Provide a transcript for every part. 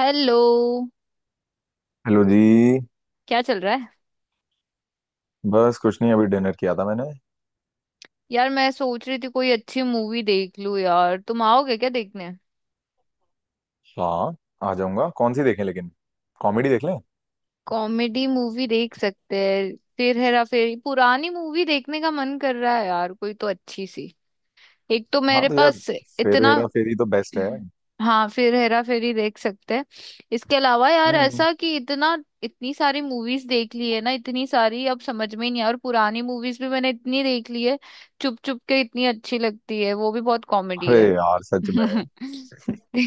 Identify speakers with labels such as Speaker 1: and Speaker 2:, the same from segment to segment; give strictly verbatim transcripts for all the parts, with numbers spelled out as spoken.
Speaker 1: Hello.
Speaker 2: Hello जी।
Speaker 1: क्या चल रहा है?
Speaker 2: बस कुछ नहीं, अभी डिनर किया था मैंने।
Speaker 1: यार मैं सोच रही थी कोई अच्छी मूवी देख लूं। यार तुम आओगे क्या देखने?
Speaker 2: हाँ। आ जाऊंगा। कौन सी देखें लेकिन? कॉमेडी देख लें।
Speaker 1: कॉमेडी मूवी देख सकते हैं। फिर हेरा फेरी पुरानी मूवी देखने का मन कर रहा है यार। कोई तो अच्छी सी। एक तो
Speaker 2: हाँ
Speaker 1: मेरे
Speaker 2: तो यार,
Speaker 1: पास
Speaker 2: फिर
Speaker 1: इतना।
Speaker 2: हेरा फेरी तो बेस्ट है।
Speaker 1: हम्म। हाँ फिर हेरा फेरी देख सकते हैं। इसके अलावा यार
Speaker 2: हम्म।
Speaker 1: ऐसा कि इतना, इतनी सारी मूवीज देख ली है ना इतनी सारी, अब समझ में ही नहीं आ- और पुरानी मूवीज भी मैंने इतनी देख ली है। चुप चुप के इतनी अच्छी लगती है, वो भी बहुत कॉमेडी
Speaker 2: अरे
Speaker 1: है।
Speaker 2: यार सच में।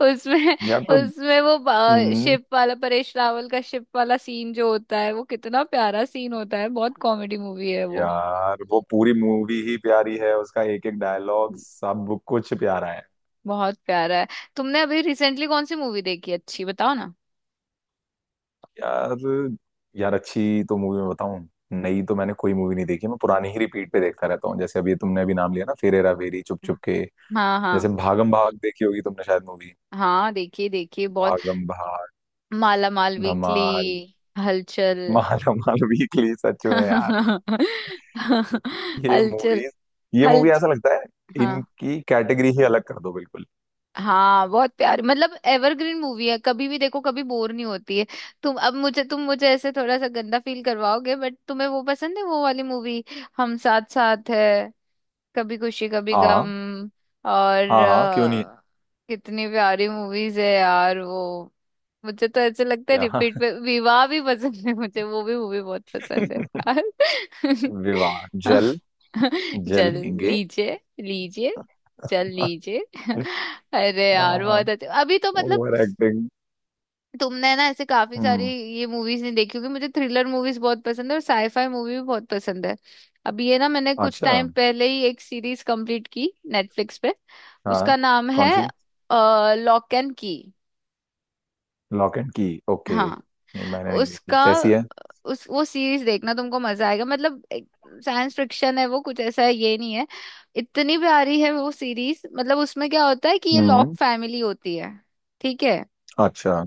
Speaker 1: उसमें,
Speaker 2: यार तो।
Speaker 1: उसमें वो बा-
Speaker 2: हम्म।
Speaker 1: शिप वाला, परेश रावल का शिप वाला सीन जो होता है वो कितना प्यारा सीन होता है। बहुत कॉमेडी मूवी है वो।
Speaker 2: यार वो पूरी मूवी ही प्यारी है, उसका एक एक डायलॉग सब कुछ प्यारा है।
Speaker 1: बहुत प्यारा है। तुमने अभी रिसेंटली कौन सी मूवी देखी अच्छी? बताओ ना।
Speaker 2: यार। यार अच्छी तो मूवी में बताऊं? नई तो मैंने कोई मूवी नहीं देखी, मैं पुरानी ही रिपीट पे देखता रहता हूँ। जैसे अभी तुमने अभी नाम लिया ना, फिर हेरा फेरी, चुप चुप के।
Speaker 1: हाँ
Speaker 2: जैसे
Speaker 1: हाँ
Speaker 2: भागम भाग देखी होगी तुमने शायद, मूवी
Speaker 1: हाँ, देखिए देखिए बहुत।
Speaker 2: भागम भाग,
Speaker 1: माला माल वीकली।
Speaker 2: धमाल।
Speaker 1: हलचल।
Speaker 2: माल धमाल वीकली सच में यार। ये
Speaker 1: हलचल।
Speaker 2: मूवीज, ये
Speaker 1: हल।
Speaker 2: मूवी ऐसा लगता है
Speaker 1: हाँ।
Speaker 2: इनकी कैटेगरी ही अलग कर दो बिल्कुल।
Speaker 1: हाँ बहुत प्यारी, मतलब एवरग्रीन मूवी है। कभी भी देखो कभी बोर नहीं होती है। तुम अब मुझे तुम मुझे ऐसे थोड़ा सा गंदा फील करवाओगे, बट तुम्हें वो पसंद है, वो वाली मूवी। हम साथ साथ है। कभी खुशी कभी
Speaker 2: हाँ।
Speaker 1: गम। और
Speaker 2: हाँ हाँ क्यों नहीं।
Speaker 1: अ, कितनी प्यारी मूवीज है यार वो। मुझे तो ऐसे लगता है
Speaker 2: या
Speaker 1: रिपीट पे। विवाह भी पसंद है मुझे, वो भी मूवी बहुत पसंद है। यार।
Speaker 2: विवाह जल जल
Speaker 1: जल
Speaker 2: लेंगे
Speaker 1: लीजिए लीजिए। चल लीजिए। अरे यार
Speaker 2: हाँ,
Speaker 1: बहुत अच्छा। अभी तो मतलब
Speaker 2: ओवर एक्टिंग।
Speaker 1: तुमने ना ऐसे काफी सारी
Speaker 2: हम्म।
Speaker 1: ये मूवीज नहीं देखी होगी। मुझे थ्रिलर मूवीज बहुत पसंद है, और साईफाई मूवी भी बहुत पसंद है। अब ये ना मैंने कुछ
Speaker 2: अच्छा।
Speaker 1: टाइम पहले ही एक सीरीज कंप्लीट की, नेटफ्लिक्स पे।
Speaker 2: हाँ।
Speaker 1: उसका नाम
Speaker 2: कौन
Speaker 1: है
Speaker 2: सी?
Speaker 1: Locke and key.
Speaker 2: Locke and key. Okay,
Speaker 1: हाँ।
Speaker 2: नहीं मैंने नहीं देखी,
Speaker 1: उसका,
Speaker 2: कैसी है?
Speaker 1: उस, वो सीरीज देखना, तुमको मजा आएगा। मतलब साइंस फिक्शन है वो, कुछ ऐसा है, ये नहीं है। इतनी प्यारी है वो सीरीज। मतलब उसमें क्या होता है कि ये लॉक
Speaker 2: हम्म।
Speaker 1: फैमिली होती है। ठीक है।
Speaker 2: अच्छा।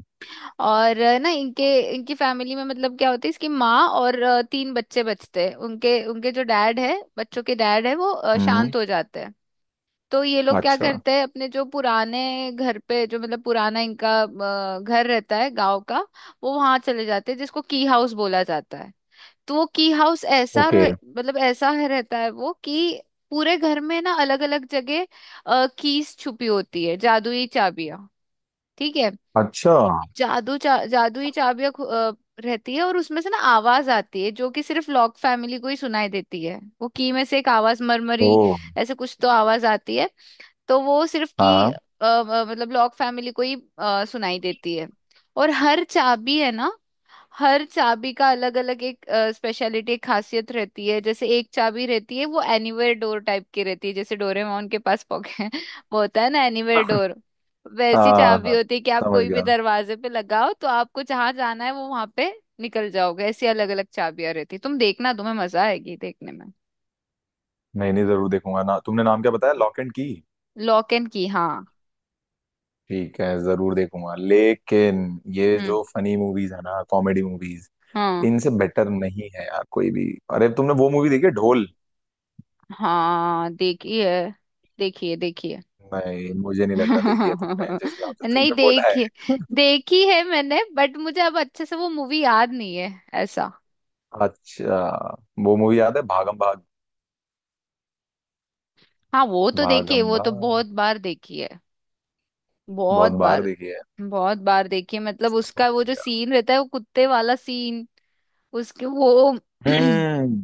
Speaker 1: और अ, ना इनके, इनकी फैमिली में मतलब क्या होता है, इसकी माँ और अ, तीन बच्चे बचते हैं। उनके, उनके जो डैड है, बच्चों के डैड है वो अ,
Speaker 2: हम्म।
Speaker 1: शांत हो जाते हैं। तो ये लोग क्या
Speaker 2: अच्छा।
Speaker 1: करते हैं, अपने जो पुराने घर पे, जो मतलब पुराना इनका अ, घर रहता है गांव का, वो वहां चले जाते हैं, जिसको की हाउस बोला जाता है। तो वो की हाउस ऐसा
Speaker 2: ओके।
Speaker 1: रह- मतलब ऐसा है, रहता है वो कि पूरे घर में ना अलग अलग जगह कीज छुपी होती है, जादुई चाबियां। ठीक है।
Speaker 2: अच्छा।
Speaker 1: जादू चा, जादुई चाबियां खु- अ, रहती है, और उसमें से ना आवाज आती है, जो कि सिर्फ लॉक फैमिली को ही सुनाई देती है। वो की में से एक आवाज
Speaker 2: ओ।
Speaker 1: मरमरी ऐसे कुछ तो आवाज आती है। तो वो सिर्फ की
Speaker 2: हाँ।
Speaker 1: अ, अ, मतलब लॉक फैमिली को ही अ, सुनाई देती है। और हर चाबी है ना, हर चाबी का अलग अलग एक स्पेशलिटी, एक खासियत रहती है। जैसे एक चाबी रहती है, वो एनीवेयर डोर टाइप की रहती है, जैसे डोरेमोन के पास पॉकेट वो होता है ना एनीवेयर डोर, वैसी
Speaker 2: हाँ
Speaker 1: चाबी
Speaker 2: हाँ
Speaker 1: होती है कि आप
Speaker 2: समझ
Speaker 1: कोई भी
Speaker 2: गया।
Speaker 1: दरवाजे पे लगाओ, तो आपको जहां जाना है वो वहां पे निकल जाओगे। ऐसी अलग अलग चाबियां रहती है। तुम देखना, तुम्हें मजा आएगी देखने में।
Speaker 2: नहीं नहीं, जरूर देखूंगा ना। तुमने नाम क्या बताया? Locke and key?
Speaker 1: Locke and key, हाँ।
Speaker 2: ठीक है, जरूर देखूंगा। लेकिन ये
Speaker 1: हम्म।
Speaker 2: जो फनी मूवीज है ना, कॉमेडी मूवीज,
Speaker 1: हाँ
Speaker 2: इनसे बेटर नहीं है यार कोई भी। अरे तुमने वो मूवी देखी है ढोल?
Speaker 1: हाँ, देखिए देखिए देखिए।
Speaker 2: नहीं, मुझे नहीं लग रहा देखी है तुमने, जिस हिसाब से
Speaker 1: नहीं
Speaker 2: तुमने बोला है।
Speaker 1: देखी। देखी है मैंने बट मुझे अब अच्छे से वो मूवी याद नहीं है। ऐसा।
Speaker 2: अच्छा। वो मूवी याद है? भागम भाग?
Speaker 1: हाँ वो तो देखी है,
Speaker 2: भागम
Speaker 1: वो तो
Speaker 2: भाग
Speaker 1: बहुत बार देखी है। बहुत
Speaker 2: बहुत बार
Speaker 1: बार।
Speaker 2: देखी है।
Speaker 1: बहुत बार देखी है। मतलब
Speaker 2: सब बार
Speaker 1: उसका वो
Speaker 2: देखी
Speaker 1: जो
Speaker 2: है।
Speaker 1: सीन रहता है, वो कुत्ते वाला सीन। उसके वो,
Speaker 2: हम्म।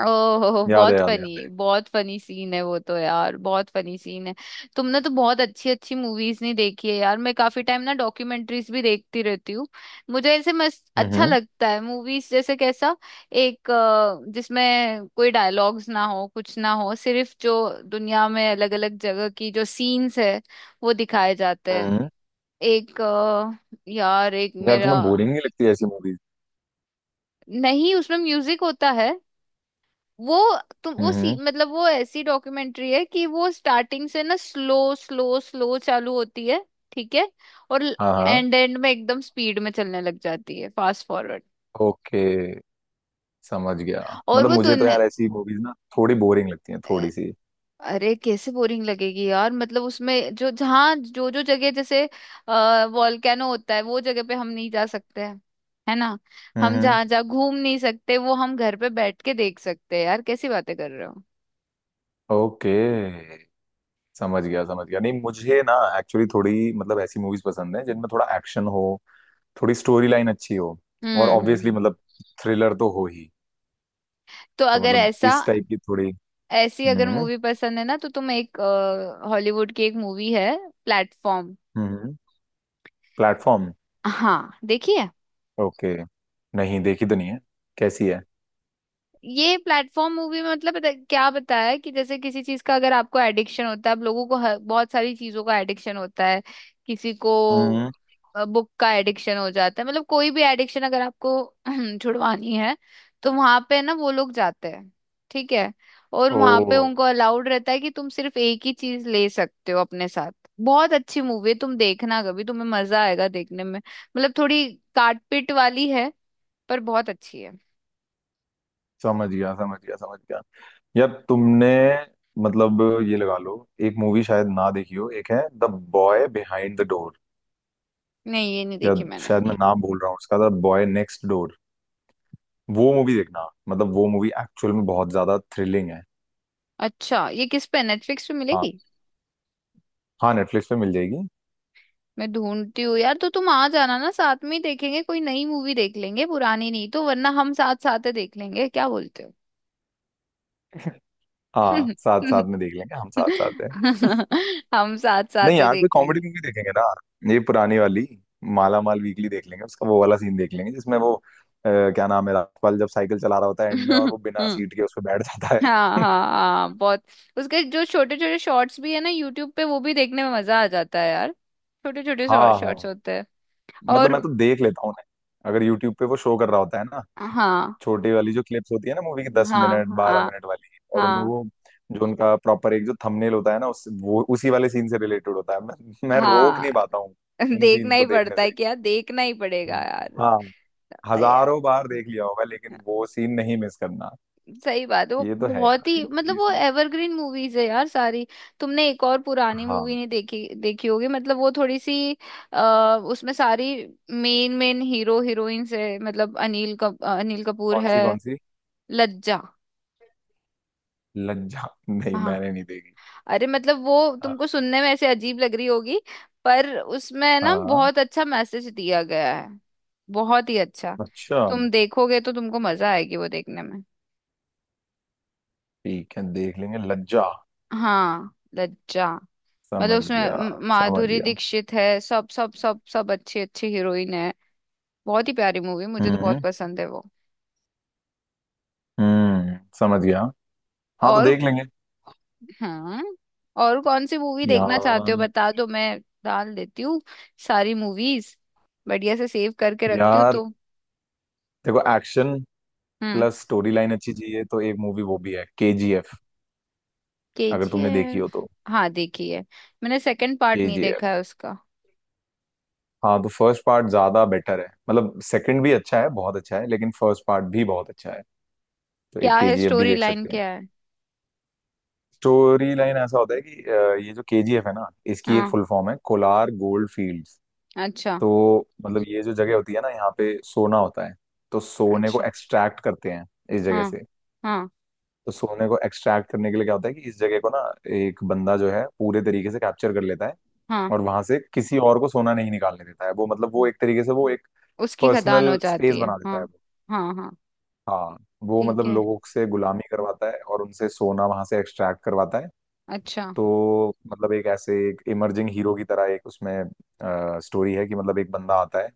Speaker 1: ओहो
Speaker 2: याद है
Speaker 1: बहुत
Speaker 2: याद है याद
Speaker 1: फनी, बहुत फनी सीन है वो तो। यार बहुत फनी सीन है। तुमने तो बहुत अच्छी अच्छी मूवीज नहीं देखी है यार। मैं काफी टाइम ना डॉक्यूमेंट्रीज भी देखती रहती हूँ। मुझे ऐसे मस्त
Speaker 2: है।
Speaker 1: अच्छा
Speaker 2: हम्म।
Speaker 1: लगता है। मूवीज जैसे कैसा, एक अ, जिसमें कोई डायलॉग्स ना हो, कुछ ना हो, सिर्फ जो दुनिया में अलग अलग जगह की जो सीन्स है वो दिखाए जाते हैं।
Speaker 2: हम्म।
Speaker 1: एक अ, यार एक
Speaker 2: यार तुम्हें
Speaker 1: मेरा,
Speaker 2: बोरिंग नहीं लगती ऐसी मूवीज?
Speaker 1: नहीं उसमें म्यूजिक होता है वो। तुम वो सी,
Speaker 2: हम्म।
Speaker 1: मतलब वो ऐसी डॉक्यूमेंट्री है कि वो स्टार्टिंग से ना स्लो स्लो स्लो चालू होती है। ठीक है। और
Speaker 2: हाँ हाँ।
Speaker 1: एंड, एंड में एकदम स्पीड में चलने लग जाती है, फास्ट फॉरवर्ड।
Speaker 2: ओके समझ गया।
Speaker 1: और
Speaker 2: मतलब
Speaker 1: वो
Speaker 2: मुझे तो
Speaker 1: दुनिया।
Speaker 2: यार ऐसी मूवीज ना थोड़ी बोरिंग लगती हैं, थोड़ी सी।
Speaker 1: अरे कैसे बोरिंग लगेगी यार। मतलब उसमें जो जहाँ जो जो जगह, जैसे अः वॉल्केनो होता है, वो जगह पे हम नहीं जा सकते हैं, है ना। हम
Speaker 2: हम्म।
Speaker 1: जहाँ जहाँ घूम नहीं सकते, वो हम घर पे बैठ के देख सकते हैं यार। कैसी बातें कर रहे हो?
Speaker 2: ओके, समझ गया समझ गया। नहीं मुझे ना एक्चुअली थोड़ी मतलब ऐसी मूवीज पसंद है जिनमें थोड़ा एक्शन हो, थोड़ी स्टोरी लाइन अच्छी हो, और
Speaker 1: हम्म। हम्म।
Speaker 2: ऑब्वियसली
Speaker 1: हम्म।
Speaker 2: मतलब थ्रिलर तो हो ही।
Speaker 1: तो
Speaker 2: तो
Speaker 1: अगर
Speaker 2: मतलब
Speaker 1: ऐसा,
Speaker 2: इस टाइप की थोड़ी।
Speaker 1: ऐसी अगर
Speaker 2: हम्म।
Speaker 1: मूवी पसंद है ना तो तुम एक, हॉलीवुड की एक मूवी है, प्लेटफॉर्म।
Speaker 2: हम्म। प्लेटफॉर्म।
Speaker 1: हाँ देखिए।
Speaker 2: ओके। नहीं देखी तो नहीं है। कैसी है?
Speaker 1: ये प्लेटफॉर्म मूवी में मतलब बता- क्या बताया है, कि जैसे किसी चीज का अगर आपको एडिक्शन होता है। अब लोगों को हर, बहुत सारी चीजों का एडिक्शन होता है। किसी को
Speaker 2: हम्म।
Speaker 1: बुक का एडिक्शन हो जाता है। मतलब कोई भी एडिक्शन अगर आपको छुड़वानी है, तो वहां पे ना वो लोग जाते हैं। ठीक है। और
Speaker 2: ओ,
Speaker 1: वहां पे उनको अलाउड रहता है कि तुम सिर्फ एक ही चीज ले सकते हो अपने साथ। बहुत अच्छी मूवी है। तुम देखना कभी, तुम्हें मजा आएगा देखने में। मतलब थोड़ी काटपिट वाली है, पर बहुत अच्छी है।
Speaker 2: समझ गया समझ गया समझ गया। यार तुमने मतलब ये लगा लो, एक मूवी शायद ना देखी हो, एक है the boy behind the door.
Speaker 1: नहीं ये नहीं
Speaker 2: या
Speaker 1: देखी मैंने।
Speaker 2: शायद मैं नाम भूल रहा हूँ उसका, द बॉय नेक्स्ट डोर। वो मूवी देखना, मतलब वो मूवी एक्चुअल में बहुत ज्यादा थ्रिलिंग है।
Speaker 1: अच्छा, ये किस पे, नेटफ्लिक्स पे
Speaker 2: हाँ।
Speaker 1: मिलेगी?
Speaker 2: हाँ नेटफ्लिक्स पे मिल जाएगी।
Speaker 1: मैं ढूंढती हूँ यार, तो तुम आ जाना ना, साथ में ही देखेंगे। कोई नई मूवी देख लेंगे, पुरानी नहीं तो वरना हम साथ साथ ही देख लेंगे। क्या बोलते हो?
Speaker 2: हाँ, साथ साथ में देख लेंगे, हम साथ साथ है।
Speaker 1: हम साथ
Speaker 2: नहीं
Speaker 1: साथ ही
Speaker 2: यार, कोई
Speaker 1: देख
Speaker 2: कॉमेडी
Speaker 1: लेंगे।
Speaker 2: मूवी देखेंगे ना, ये पुरानी वाली माला माल वीकली देख लेंगे। उसका वो वाला सीन देख लेंगे जिसमें वो अ, क्या नाम है राजपाल जब साइकिल चला रहा होता है एंड में, और
Speaker 1: हम्म।
Speaker 2: वो बिना सीट के उस पर बैठ जाता
Speaker 1: हाँ
Speaker 2: है।
Speaker 1: हाँ हाँ बहुत। उसके जो छोटे छोटे शॉर्ट्स भी है ना यूट्यूब पे, वो भी देखने में मजा आ जाता है यार। छोटे छोटे
Speaker 2: हाँ
Speaker 1: शॉर्ट्स
Speaker 2: हाँ।
Speaker 1: होते हैं।
Speaker 2: मतलब
Speaker 1: और
Speaker 2: मैं तो देख लेता हूँ उन्हें अगर यूट्यूब पे वो शो कर रहा होता है ना,
Speaker 1: हाँ,
Speaker 2: छोटी वाली जो क्लिप्स होती है ना मूवी की, दस
Speaker 1: हाँ
Speaker 2: मिनट बारह
Speaker 1: हाँ
Speaker 2: मिनट वाली, और उनमें
Speaker 1: हाँ।
Speaker 2: वो जो उनका प्रॉपर एक जो थंबनेल होता है ना, उस वो उसी वाले सीन से रिलेटेड होता है। मैं मैं रोक
Speaker 1: हाँ
Speaker 2: नहीं पाता हूँ उन
Speaker 1: देखना
Speaker 2: सीन्स
Speaker 1: ही
Speaker 2: को देखने
Speaker 1: पड़ता
Speaker 2: से।
Speaker 1: है क्या? देखना ही पड़ेगा यार।
Speaker 2: हाँ,
Speaker 1: अरे यार,
Speaker 2: हजारों बार देख लिया होगा, लेकिन वो सीन नहीं मिस करना।
Speaker 1: सही बात है। वो
Speaker 2: ये तो है
Speaker 1: बहुत
Speaker 2: यार
Speaker 1: ही
Speaker 2: इन
Speaker 1: मतलब
Speaker 2: मूवीज
Speaker 1: वो
Speaker 2: में।
Speaker 1: एवरग्रीन मूवीज है यार सारी। तुमने एक और पुरानी मूवी
Speaker 2: हाँ।
Speaker 1: नहीं देखी, देखी होगी, मतलब वो थोड़ी सी, आ, उसमें सारी मेन मेन हीरो हीरोइंस है। मतलब अनिल कप, अनिल कपूर
Speaker 2: कौन
Speaker 1: है।
Speaker 2: सी कौन सी?
Speaker 1: लज्जा।
Speaker 2: लज्जा? नहीं
Speaker 1: हाँ,
Speaker 2: मैंने नहीं देखी।
Speaker 1: अरे मतलब वो
Speaker 2: हाँ।
Speaker 1: तुमको सुनने में ऐसे अजीब लग रही होगी, पर उसमें ना
Speaker 2: हाँ,
Speaker 1: बहुत अच्छा मैसेज दिया गया है। बहुत ही अच्छा।
Speaker 2: अच्छा।
Speaker 1: तुम देखोगे तो तुमको मजा आएगी वो देखने में।
Speaker 2: ठीक है, देख लेंगे लज्जा।
Speaker 1: हाँ, लज्जा। मतलब
Speaker 2: समझ
Speaker 1: उसमें
Speaker 2: गया
Speaker 1: म-
Speaker 2: समझ
Speaker 1: माधुरी
Speaker 2: गया।
Speaker 1: दीक्षित है, सब सब सब सब अच्छी अच्छी हीरोइन है। बहुत ही प्यारी मूवी, मुझे तो बहुत
Speaker 2: हम्म।
Speaker 1: पसंद है वो।
Speaker 2: हम्म समझ गया। हाँ तो
Speaker 1: और
Speaker 2: देख लेंगे।
Speaker 1: हाँ, और कौन सी मूवी देखना चाहते हो
Speaker 2: यार।
Speaker 1: बता दो, मैं डाल देती हूँ सारी मूवीज बढ़िया से सेव करके रखती हूँ
Speaker 2: यार
Speaker 1: तो।
Speaker 2: देखो, एक्शन
Speaker 1: हम्म।
Speaker 2: प्लस स्टोरी लाइन अच्छी चाहिए तो एक मूवी वो भी है, केजीएफ। अगर तुमने देखी
Speaker 1: के जी एफ।
Speaker 2: हो तो।
Speaker 1: हाँ देखी है। मैंने सेकंड पार्ट नहीं देखा
Speaker 2: केजीएफ।
Speaker 1: है उसका।
Speaker 2: हाँ तो फर्स्ट पार्ट ज्यादा बेटर है, मतलब सेकंड भी अच्छा है, बहुत अच्छा है, लेकिन फर्स्ट पार्ट भी बहुत अच्छा है। तो एक
Speaker 1: क्या है
Speaker 2: केजीएफ भी
Speaker 1: स्टोरी
Speaker 2: देख
Speaker 1: लाइन,
Speaker 2: सकते हैं।
Speaker 1: क्या है?
Speaker 2: स्टोरी लाइन ऐसा होता है कि अ, ये जो केजीएफ है ना, इसकी एक
Speaker 1: हाँ।
Speaker 2: फुल फॉर्म है, कोलार गोल्ड फील्ड्स।
Speaker 1: अच्छा।
Speaker 2: तो मतलब ये जो जगह होती है ना, यहाँ पे सोना होता है। तो सोने को
Speaker 1: अच्छा।
Speaker 2: एक्सट्रैक्ट करते हैं इस जगह
Speaker 1: हाँ
Speaker 2: से।
Speaker 1: हाँ
Speaker 2: तो सोने को एक्सट्रैक्ट करने के लिए क्या होता है कि इस जगह को ना एक बंदा जो है पूरे तरीके से कैप्चर कर लेता है,
Speaker 1: हाँ।
Speaker 2: और वहां से किसी और को सोना नहीं निकालने देता है। वो मतलब वो एक तरीके से वो एक
Speaker 1: उसकी खदान हो
Speaker 2: पर्सनल स्पेस
Speaker 1: जाती है,
Speaker 2: बना देता
Speaker 1: हाँ।
Speaker 2: है वो।
Speaker 1: हाँ हाँ।
Speaker 2: हाँ। वो
Speaker 1: ठीक
Speaker 2: मतलब
Speaker 1: है।
Speaker 2: लोगों से गुलामी करवाता है और उनसे सोना वहां से एक्सट्रैक्ट करवाता है।
Speaker 1: अच्छा।
Speaker 2: तो मतलब एक ऐसे एक इमर्जिंग हीरो की तरह एक उसमें स्टोरी है कि मतलब एक बंदा आता है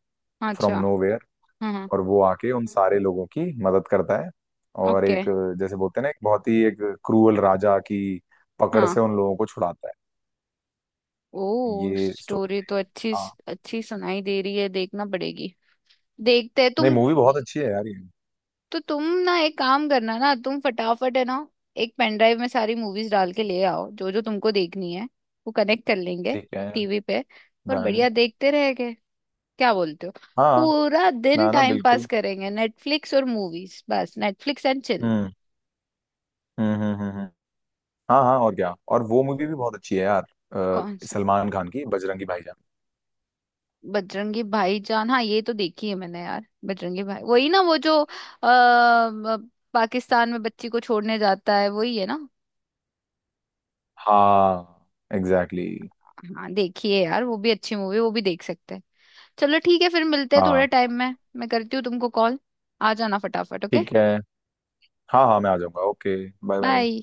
Speaker 2: फ्रॉम
Speaker 1: अच्छा।
Speaker 2: नो वेयर,
Speaker 1: हाँ हाँ।
Speaker 2: और वो आके उन सारे लोगों की मदद करता है। और
Speaker 1: ओके।
Speaker 2: एक जैसे बोलते हैं ना, एक बहुत ही एक क्रूअल राजा की पकड़
Speaker 1: हाँ।
Speaker 2: से उन लोगों को छुड़ाता है।
Speaker 1: ओ
Speaker 2: ये स्टोरी।
Speaker 1: स्टोरी तो अच्छी,
Speaker 2: हाँ।
Speaker 1: अच्छी सुनाई दे रही है, देखना पड़ेगी। देखते हैं।
Speaker 2: नहीं
Speaker 1: तुम
Speaker 2: मूवी बहुत अच्छी है यार ये।
Speaker 1: तो, तुम ना एक काम करना ना, तुम फटाफट है ना, एक पेन ड्राइव में सारी मूवीज डाल के ले आओ जो जो तुमको देखनी है, वो कनेक्ट कर लेंगे
Speaker 2: ठीक है,
Speaker 1: टीवी पे, और
Speaker 2: डन।
Speaker 1: बढ़िया देखते रहेंगे। क्या बोलते हो?
Speaker 2: हाँ।
Speaker 1: पूरा दिन
Speaker 2: ना ना
Speaker 1: टाइम पास
Speaker 2: बिल्कुल।
Speaker 1: करेंगे नेटफ्लिक्स और मूवीज, बस नेटफ्लिक्स एंड चिल।
Speaker 2: हम्म। हम्म हम्म हम्म हम्म। हाँ हाँ, और क्या। और वो मूवी भी बहुत अच्छी है यार, अ,
Speaker 1: कौन से?
Speaker 2: सलमान खान की बजरंगी भाईजान।
Speaker 1: बजरंगी भाईजान, हाँ ये तो देखी है मैंने यार, बजरंगी भाई, वही ना, वो जो अ, अ, पाकिस्तान में बच्ची को छोड़ने जाता है, वही है ना।
Speaker 2: हाँ, एग्जैक्टली।
Speaker 1: हाँ देखिए यार, वो भी अच्छी मूवी, वो भी देख सकते हैं। चलो ठीक है, फिर मिलते हैं
Speaker 2: हाँ
Speaker 1: थोड़े टाइम में, मैं करती हूँ तुमको कॉल, आ जाना फटाफट, ओके
Speaker 2: ठीक है। हाँ हाँ मैं आ जाऊंगा। ओके। Bye bye.
Speaker 1: बाय।